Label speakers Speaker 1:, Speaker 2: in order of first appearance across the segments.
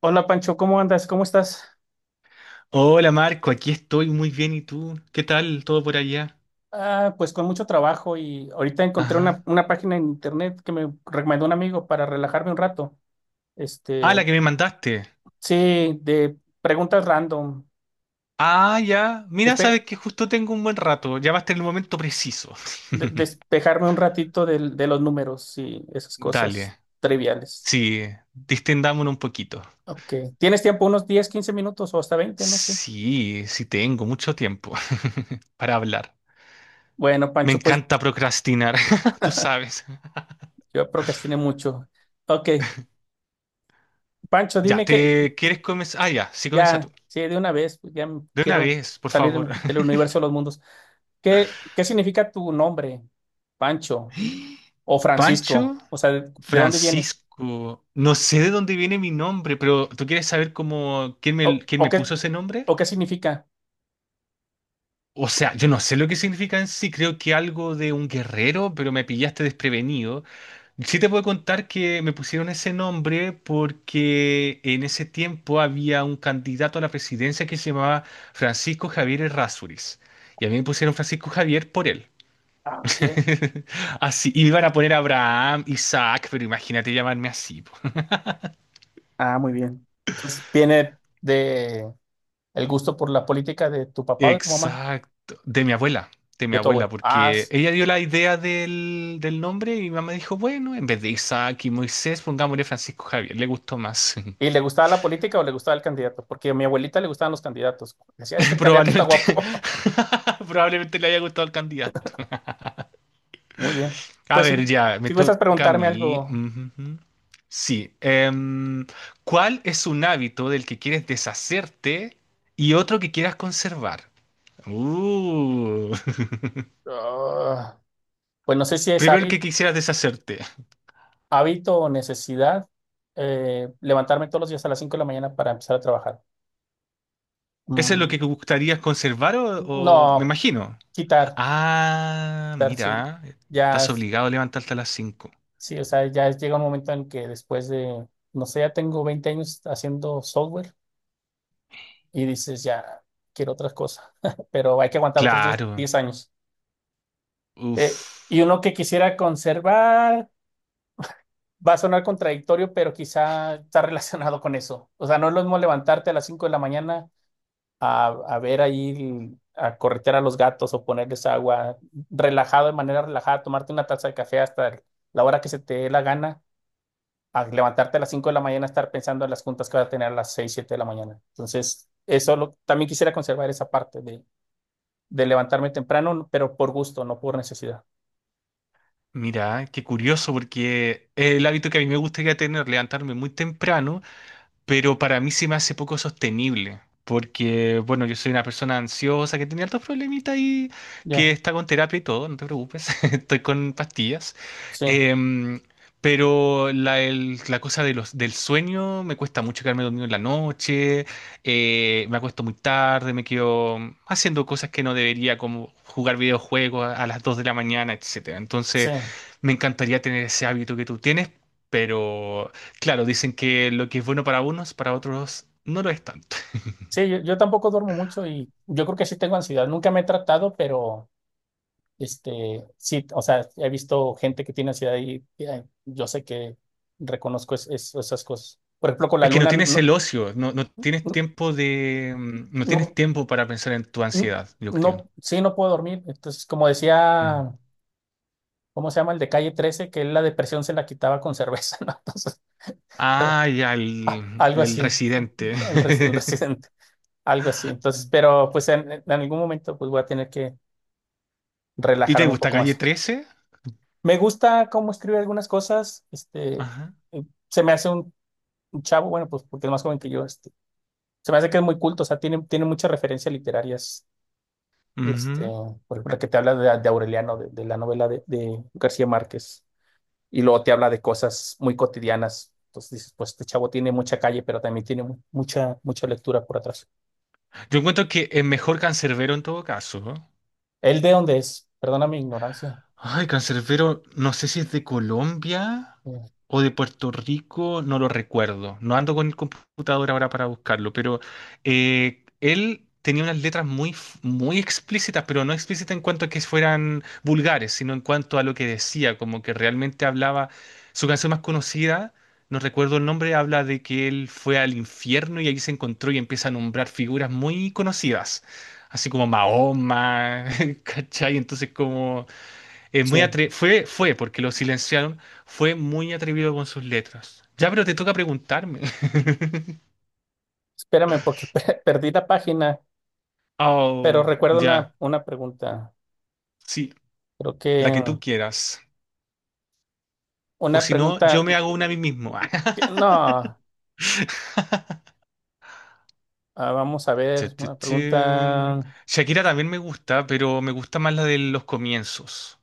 Speaker 1: Hola Pancho, ¿cómo andas? ¿Cómo estás?
Speaker 2: Hola Marco, aquí estoy muy bien. ¿Y tú? ¿Qué tal todo por allá?
Speaker 1: Ah, pues con mucho trabajo y ahorita encontré una,
Speaker 2: Ajá.
Speaker 1: una página en internet que me recomendó un amigo para relajarme un rato.
Speaker 2: Ah,
Speaker 1: Este,
Speaker 2: la que me mandaste.
Speaker 1: sí, de preguntas random,
Speaker 2: Ah, ya. Mira,
Speaker 1: despe-
Speaker 2: sabes que justo tengo un buen rato. Llamaste en el momento preciso.
Speaker 1: despejarme un ratito los números y esas cosas
Speaker 2: Dale.
Speaker 1: triviales.
Speaker 2: Sí, distendámonos un poquito.
Speaker 1: Ok, ¿tienes tiempo? Unos 10, 15 minutos ¿o hasta 20? No sé.
Speaker 2: Sí, sí tengo mucho tiempo para hablar.
Speaker 1: Bueno,
Speaker 2: Me
Speaker 1: Pancho, pues
Speaker 2: encanta procrastinar, tú sabes.
Speaker 1: yo procrastiné mucho. Ok, Pancho,
Speaker 2: Ya,
Speaker 1: dime que
Speaker 2: ¿te quieres comenzar? Ah, ya, sí comienza tú.
Speaker 1: ya. Sí, de una vez, pues ya
Speaker 2: De una
Speaker 1: quiero
Speaker 2: vez, por
Speaker 1: salir
Speaker 2: favor.
Speaker 1: del universo de los mundos. ¿Qué significa tu nombre, Pancho o Francisco?
Speaker 2: ¿Pancho?
Speaker 1: O sea, ¿de dónde viene?
Speaker 2: Francisco, no sé de dónde viene mi nombre, pero ¿tú quieres saber cómo quién
Speaker 1: ¿O,
Speaker 2: me, quién
Speaker 1: o
Speaker 2: me
Speaker 1: qué,
Speaker 2: puso ese nombre?
Speaker 1: o qué significa?
Speaker 2: O sea, yo no sé lo que significa en sí, creo que algo de un guerrero, pero me pillaste desprevenido. Sí te puedo contar que me pusieron ese nombre porque en ese tiempo había un candidato a la presidencia que se llamaba Francisco Javier Errázuriz. Y a mí me pusieron Francisco Javier por él.
Speaker 1: Ah, ok.
Speaker 2: Así, y me iban a poner Abraham, Isaac, pero imagínate llamarme así.
Speaker 1: Ah, muy bien. Entonces, viene de el gusto por la política de tu papá o de tu mamá,
Speaker 2: Exacto, de mi abuela, de mi
Speaker 1: de tu
Speaker 2: abuela,
Speaker 1: abuelo. Ah,
Speaker 2: porque
Speaker 1: s-
Speaker 2: ella dio la idea del nombre y mi mamá dijo, bueno, en vez de Isaac y Moisés, pongámosle Francisco Javier, le gustó más.
Speaker 1: ¿y le gustaba la política o le gustaba el candidato? Porque a mi abuelita le gustaban los candidatos. Decía, este candidato está
Speaker 2: Probablemente,
Speaker 1: guapo.
Speaker 2: probablemente le haya gustado al candidato.
Speaker 1: Muy bien.
Speaker 2: A
Speaker 1: Pues si,
Speaker 2: ver, ya, me
Speaker 1: si gustas
Speaker 2: toca a
Speaker 1: preguntarme
Speaker 2: mí.
Speaker 1: algo.
Speaker 2: Ujú, ujú. Sí, ¿cuál es un hábito del que quieres deshacerte y otro que quieras conservar? Uh,
Speaker 1: Ah, pues no sé si es
Speaker 2: primero el que
Speaker 1: hábil.
Speaker 2: quisieras deshacerte.
Speaker 1: Hábito o necesidad. Levantarme todos los días a las 5 de la mañana para empezar a trabajar.
Speaker 2: ¿Eso es lo
Speaker 1: Mm,
Speaker 2: que gustarías conservar o, me
Speaker 1: no,
Speaker 2: imagino?
Speaker 1: quitar,
Speaker 2: Ah,
Speaker 1: quitar, sí.
Speaker 2: mira,
Speaker 1: Ya,
Speaker 2: estás obligado a levantarte a las 5.
Speaker 1: sí, o sea, ya llega un momento en que, después de, no sé, ya tengo 20 años haciendo software y dices, ya quiero otras cosas, pero hay que aguantar otros 10
Speaker 2: Claro.
Speaker 1: 10 años. Eh, y
Speaker 2: Uf.
Speaker 1: uno que quisiera conservar, va a sonar contradictorio, pero quizá está relacionado con eso. O sea, no es lo mismo levantarte a las 5 de la mañana a ver ahí, a corretear a los gatos o ponerles agua, relajado, de manera relajada, tomarte una taza de café hasta la hora que se te dé la gana, a levantarte a las 5 de la mañana, estar pensando en las juntas que vas a tener a las 6, 7 de la mañana. Entonces, eso también quisiera conservar, esa parte de levantarme temprano, pero por gusto, no por necesidad.
Speaker 2: Mira, qué curioso porque es el hábito que a mí me gustaría tener, levantarme muy temprano, pero para mí se me hace poco sostenible, porque, bueno, yo soy una persona ansiosa que tiene altos problemitas y que
Speaker 1: Ya.
Speaker 2: está con terapia y todo, no te preocupes, estoy con pastillas.
Speaker 1: Sí,
Speaker 2: Em, pero la cosa de del sueño, me cuesta mucho quedarme dormido en la noche, me acuesto muy tarde, me quedo haciendo cosas que no debería, como jugar videojuegos a las 2 de la mañana, etcétera.
Speaker 1: sí.
Speaker 2: Entonces, me encantaría tener ese hábito que tú tienes, pero claro, dicen que lo que es bueno para unos, para otros no lo es tanto.
Speaker 1: Sí, yo tampoco duermo mucho y yo creo que sí tengo ansiedad. Nunca me he tratado, pero... Este, sí, o sea, he visto gente que tiene ansiedad y yo sé que reconozco esas cosas. Por ejemplo, con la
Speaker 2: Es que no
Speaker 1: luna no,
Speaker 2: tienes el
Speaker 1: no,
Speaker 2: ocio, no, no tienes
Speaker 1: no,
Speaker 2: tiempo de, no tienes
Speaker 1: no,
Speaker 2: tiempo para pensar en tu
Speaker 1: no-
Speaker 2: ansiedad, yo creo.
Speaker 1: no, sí, no puedo dormir. Entonces, como
Speaker 2: Mm.
Speaker 1: decía, ¿cómo se llama el de Calle 13, que él la depresión se la quitaba con cerveza? ¿No? Entonces,
Speaker 2: Ah, ya,
Speaker 1: algo
Speaker 2: el
Speaker 1: así,
Speaker 2: residente.
Speaker 1: el residente, algo así. Entonces, pero pues en algún momento pues voy a tener que
Speaker 2: ¿Y te
Speaker 1: relajarme un
Speaker 2: gusta
Speaker 1: poco
Speaker 2: Calle
Speaker 1: más.
Speaker 2: 13?
Speaker 1: Me gusta cómo escribe algunas cosas. Este,
Speaker 2: Ajá.
Speaker 1: se me hace un chavo, bueno, pues porque es más joven que yo. Este, se me hace que es muy culto, o sea, tiene muchas referencias literarias. Este,
Speaker 2: Ujú.
Speaker 1: por ejemplo, la que te habla de Aureliano, de la novela de García Márquez, y luego te habla de cosas muy cotidianas. Entonces dices, pues este chavo tiene mucha calle, pero también tiene mucha lectura por atrás.
Speaker 2: Yo encuentro que es mejor Cancerbero en todo caso, ¿no?
Speaker 1: ¿Él de dónde es? Perdona mi ignorancia.
Speaker 2: Ay, Cancerbero, no sé si es de Colombia
Speaker 1: Eh,
Speaker 2: o de Puerto Rico, no lo recuerdo. No ando con el computador ahora para buscarlo, pero él tenía unas letras muy, muy explícitas, pero no explícitas en cuanto a que fueran vulgares, sino en cuanto a lo que decía, como que realmente hablaba. Su canción más conocida, no recuerdo el nombre, habla de que él fue al infierno y allí se encontró y empieza a nombrar figuras muy conocidas, así como Mahoma, ¿cachai? Entonces como... Es muy
Speaker 1: Sí,
Speaker 2: fue, porque lo silenciaron, fue muy atrevido con sus letras. Ya, pero te toca preguntarme.
Speaker 1: espérame porque perdí la página, pero
Speaker 2: Oh,
Speaker 1: recuerdo una,
Speaker 2: ya.
Speaker 1: una pregunta,
Speaker 2: Sí,
Speaker 1: creo
Speaker 2: la
Speaker 1: que
Speaker 2: que tú quieras. O
Speaker 1: una
Speaker 2: si no, yo
Speaker 1: pregunta,
Speaker 2: me hago una a mí mismo.
Speaker 1: no. Ah, vamos a ver,
Speaker 2: Tu, tu,
Speaker 1: una
Speaker 2: tu.
Speaker 1: pregunta.
Speaker 2: Shakira también me gusta, pero me gusta más la de los comienzos.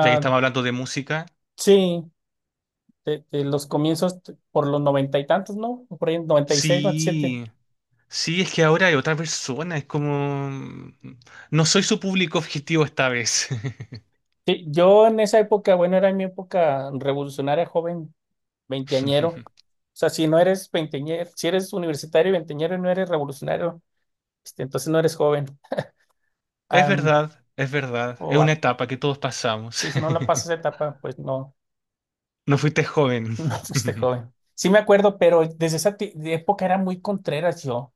Speaker 2: Ya que estamos hablando de música.
Speaker 1: sí, de los comienzos, por los noventa y tantos, ¿no? Por ahí, 96, 97.
Speaker 2: Sí, sí, es que ahora hay otra persona. Es como... no soy su público objetivo esta vez.
Speaker 1: Sí, yo en esa época, bueno, era mi época revolucionaria, joven, veinteañero. O sea, si no eres veinteañero, si eres universitario y veinteañero y no eres revolucionario, este, entonces no eres joven.
Speaker 2: Es
Speaker 1: Am,
Speaker 2: verdad, es verdad. Es
Speaker 1: o
Speaker 2: una
Speaker 1: a-
Speaker 2: etapa que todos pasamos.
Speaker 1: sí, si no la pasas esa etapa, pues no,
Speaker 2: No fuiste joven.
Speaker 1: no fuiste joven. Sí me acuerdo, pero desde esa ti- de época era muy contreras yo.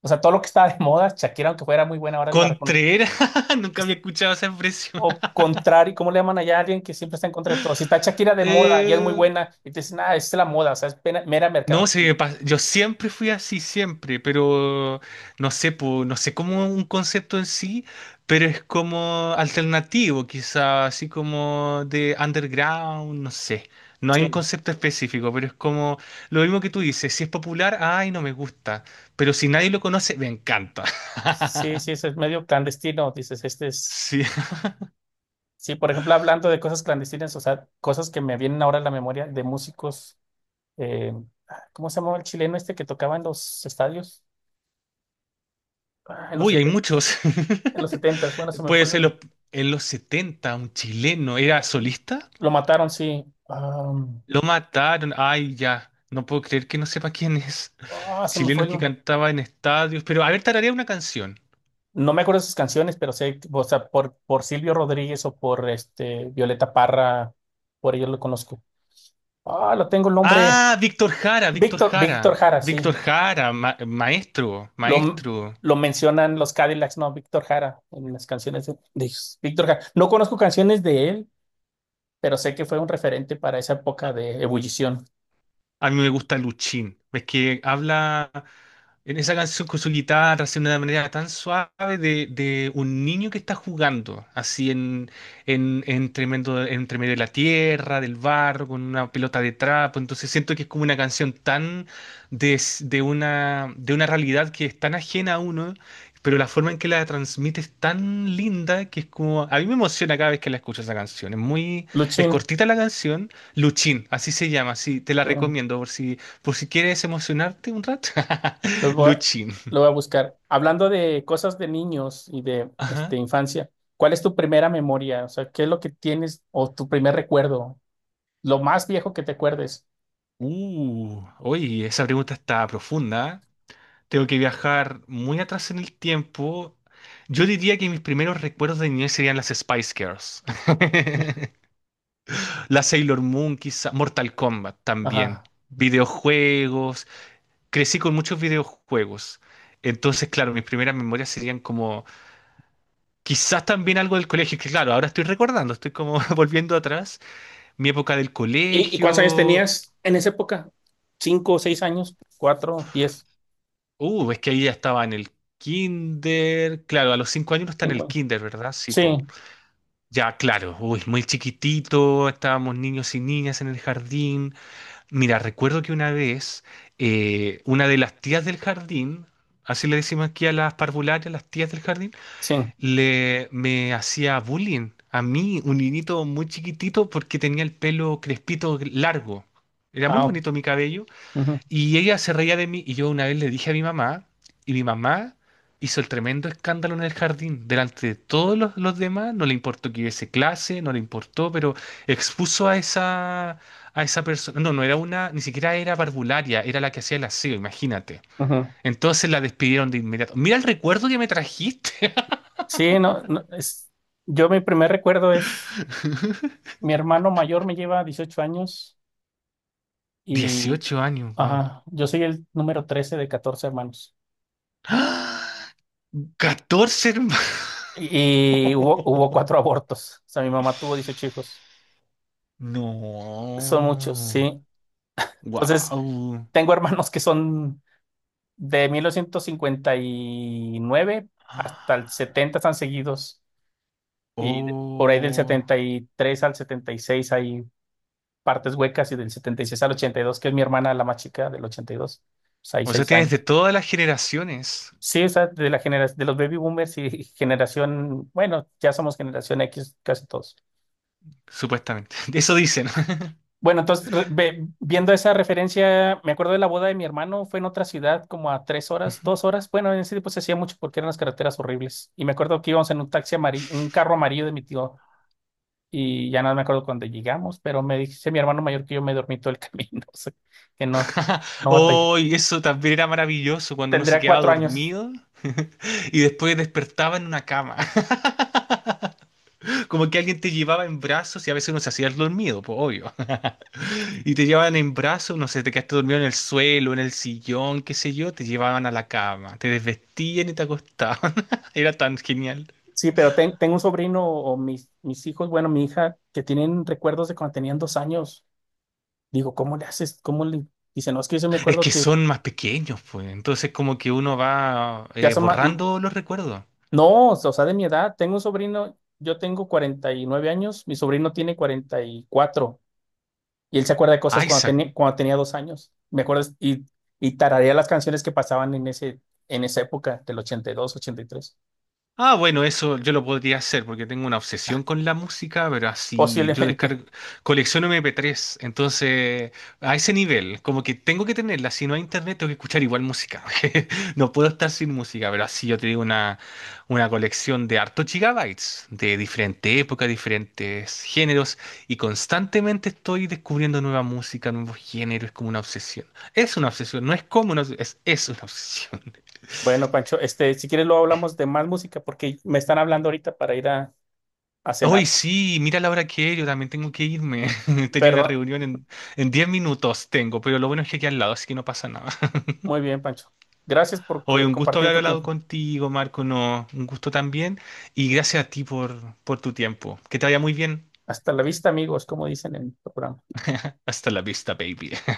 Speaker 1: O sea, todo lo que estaba de moda, Shakira, aunque fuera muy buena, ahora la recon...
Speaker 2: Contreras, nunca había escuchado esa expresión.
Speaker 1: O contrario, ¿cómo le llaman allá a alguien que siempre está en contra de todo? Si está Shakira de moda y es muy
Speaker 2: Eh,
Speaker 1: buena, y te dicen, ah, es la moda, o sea, es mera
Speaker 2: no,
Speaker 1: mercadotecnia.
Speaker 2: yo siempre fui así, siempre, pero no sé, po, no sé cómo un concepto en sí, pero es como alternativo, quizá, así como de underground, no sé. No hay un
Speaker 1: Sí,
Speaker 2: concepto específico, pero es como lo mismo que tú dices, si es popular, ay, no me gusta, pero si nadie lo conoce, me encanta.
Speaker 1: sí, sí, eso es medio clandestino, dices, este es...
Speaker 2: Sí.
Speaker 1: Sí, por ejemplo, hablando de cosas clandestinas, o sea, cosas que me vienen ahora a la memoria de músicos, eh, ¿cómo se llamaba el chileno este que tocaba en los estadios? Ah, en los
Speaker 2: Uy, hay
Speaker 1: 70,
Speaker 2: muchos.
Speaker 1: en los setentas, bueno, se me
Speaker 2: Puede
Speaker 1: fue
Speaker 2: ser
Speaker 1: el...
Speaker 2: los, en los 70 un chileno, ¿era solista?
Speaker 1: Lo mataron, sí. Ah,
Speaker 2: Lo mataron, ay, ya. No puedo creer que no sepa quién es.
Speaker 1: ah, se me fue
Speaker 2: Chilenos
Speaker 1: el...
Speaker 2: que cantaba en estadios. Pero a ver, tararea una canción.
Speaker 1: No me acuerdo sus canciones, pero sé, o sea, por Silvio Rodríguez o por este Violeta Parra, por ellos lo conozco. Ah, lo tengo el nombre.
Speaker 2: Ah, Víctor Jara, Víctor
Speaker 1: Víctor
Speaker 2: Jara.
Speaker 1: Jara, sí.
Speaker 2: Víctor Jara, maestro,
Speaker 1: Lo,
Speaker 2: maestro.
Speaker 1: lo mencionan los Cadillacs, no, Víctor Jara, en las canciones de ellos. Víctor Jara. No conozco canciones de él, pero sé que fue un referente para esa
Speaker 2: A,
Speaker 1: época de ebullición.
Speaker 2: a mí me gusta Luchín. Es que habla. En esa canción con su guitarra, haciendo de una manera tan suave de un niño que está jugando, así en tremendo, entre medio de la tierra, del barro, con una pelota de trapo. Entonces siento que es como una canción tan de, de una realidad que es tan ajena a uno, pero la forma en que la transmite es tan linda que es como. A mí me emociona cada vez que la escucho esa canción. Es muy. Es
Speaker 1: Luchín,
Speaker 2: cortita la canción. Luchín, así se llama, sí, te la
Speaker 1: eh,
Speaker 2: recomiendo por si quieres emocionarte un rato.
Speaker 1: lo voy a,
Speaker 2: Luchin.
Speaker 1: lo voy a buscar. Hablando de cosas de niños y de, este,
Speaker 2: Ajá.
Speaker 1: infancia, ¿cuál es tu primera memoria? O sea, ¿qué es lo que tienes o tu primer recuerdo? Lo más viejo que te acuerdes.
Speaker 2: Oye, esa pregunta está profunda, ¿eh? Tengo que viajar muy atrás en el tiempo. Yo diría que mis primeros recuerdos de niñez serían las Spice Girls. La Sailor Moon, quizá. Mortal Kombat también.
Speaker 1: Ajá.
Speaker 2: Videojuegos. Crecí con muchos videojuegos. Entonces, claro, mis primeras memorias serían como. Quizás también algo del colegio, que claro, ahora estoy recordando, estoy como volviendo atrás. Mi época del
Speaker 1: Y cuántos años
Speaker 2: colegio,
Speaker 1: tenías en esa época? ¿Cinco, seis años? ¿Cuatro, diez,
Speaker 2: uh, es que ahí ya estaba en el kinder. Claro, a los 5 años uno está en
Speaker 1: cinco
Speaker 2: el
Speaker 1: años?
Speaker 2: kinder, ¿verdad? Sí, po.
Speaker 1: Sí,
Speaker 2: Ya, claro. Uy, muy chiquitito. Estábamos niños y niñas en el jardín. Mira, recuerdo que una vez una de las tías del jardín, así le decimos aquí a las parvularias, las tías del jardín,
Speaker 1: sí.
Speaker 2: le me hacía bullying a mí, un niñito muy chiquitito, porque tenía el pelo crespito largo. Era muy
Speaker 1: Ah, ok.
Speaker 2: bonito mi cabello
Speaker 1: Ujú,
Speaker 2: y ella se reía de mí y yo una vez le dije a mi mamá y mi mamá hizo el tremendo escándalo en el jardín. Delante de todos los demás, no le importó que hubiese clase, no le importó, pero expuso a esa persona. No, no era una, ni siquiera era parvularia, era la que hacía el aseo, imagínate.
Speaker 1: ujú.
Speaker 2: Entonces la despidieron de inmediato. Mira el recuerdo que me trajiste.
Speaker 1: Sí, no, no, es, yo mi primer recuerdo es, mi hermano mayor me lleva 18 años y,
Speaker 2: 18 años, wow.
Speaker 1: ajá, yo soy el número 13 de 14 hermanos.
Speaker 2: 14 hermanos.
Speaker 1: Y hubo cuatro abortos. O sea, mi mamá tuvo 18 hijos. Son muchos,
Speaker 2: No.
Speaker 1: sí. Entonces,
Speaker 2: Wow.
Speaker 1: tengo hermanos que son de 1959 hasta el
Speaker 2: Ah.
Speaker 1: 70, están seguidos. Y por ahí del
Speaker 2: Oh.
Speaker 1: 73 al 76 hay partes huecas y del 76 al 82, que es mi hermana la más chica, del 82. Pues hay
Speaker 2: O sea,
Speaker 1: seis
Speaker 2: tienes de
Speaker 1: años.
Speaker 2: todas las generaciones,
Speaker 1: Sí, o sea, de la generación de los baby boomers y generación, bueno, ya somos generación X casi todos.
Speaker 2: supuestamente. Eso dicen.
Speaker 1: Bueno, entonces, viendo esa referencia, me acuerdo de la boda de mi hermano. Fue en otra ciudad, como a 3 horas,
Speaker 2: Ujú.
Speaker 1: 2 horas. Bueno, en ese tiempo se hacía mucho porque eran las carreteras horribles. Y me acuerdo que íbamos en un taxi amarillo, un carro amarillo de mi tío, y ya no me acuerdo cuándo llegamos, pero me dice mi hermano mayor que yo me dormí todo el camino, o sea, que no, no batallé.
Speaker 2: Oh, y eso también era maravilloso cuando uno se
Speaker 1: Tendría
Speaker 2: quedaba
Speaker 1: 4 años.
Speaker 2: dormido y después despertaba en una cama. Como que alguien te llevaba en brazos y a veces uno se hacía el dormido, pues obvio. Y te llevaban en brazos, no sé, te quedaste dormido en el suelo, en el sillón, qué sé yo, te llevaban a la cama, te desvestían y te acostaban. Era tan genial.
Speaker 1: Sí, pero tengo un sobrino o mis, hijos, bueno, mi hija, que tienen recuerdos de cuando tenían 2 años. Digo, ¿cómo le haces? ¿Cómo le...? Dice, no, es que yo sí me
Speaker 2: Es
Speaker 1: acuerdo
Speaker 2: que
Speaker 1: que
Speaker 2: son más pequeños, pues. Entonces como que uno va
Speaker 1: ya son más.
Speaker 2: borrando los recuerdos.
Speaker 1: No, o sea, de mi edad, tengo un sobrino, yo tengo 49 años, mi sobrino tiene 44. Y él se acuerda de cosas
Speaker 2: Isaac.
Speaker 1: cuando tenía 2 años, me acuerdo, y tararea las canciones que pasaban en ese, en esa época del ochenta, ochenta y dos, ochenta y tres,
Speaker 2: Ah, bueno, eso yo lo podría hacer porque tengo una obsesión con la música, pero así yo
Speaker 1: posiblemente.
Speaker 2: descargo, colecciono MP3, entonces a ese nivel, como que tengo que tenerla, si no hay internet tengo que escuchar igual música, no puedo estar sin música, pero así yo te digo una colección de hartos gigabytes, de diferente época, diferentes géneros, y constantemente estoy descubriendo nueva música, nuevos géneros, es como una obsesión. Es una obsesión, no es como una obsesión, es una obsesión.
Speaker 1: Bueno, Pancho, este, si quieres luego hablamos de más música porque me están hablando ahorita para ir a
Speaker 2: Hoy
Speaker 1: cenar.
Speaker 2: sí, mira la hora que es, yo también tengo que irme. Tenía una
Speaker 1: Perdón,
Speaker 2: reunión en 10 minutos, tengo, pero lo bueno es que aquí al lado, así que no pasa nada.
Speaker 1: muy bien, Pancho. Gracias por
Speaker 2: Hoy un gusto
Speaker 1: compartir
Speaker 2: haber
Speaker 1: tu
Speaker 2: hablado
Speaker 1: tiempo.
Speaker 2: contigo, Marco, no, un gusto también. Y gracias a ti por tu tiempo. Que te vaya muy bien.
Speaker 1: Hasta la vista, amigos, como dicen en el programa.
Speaker 2: Hasta la vista, baby.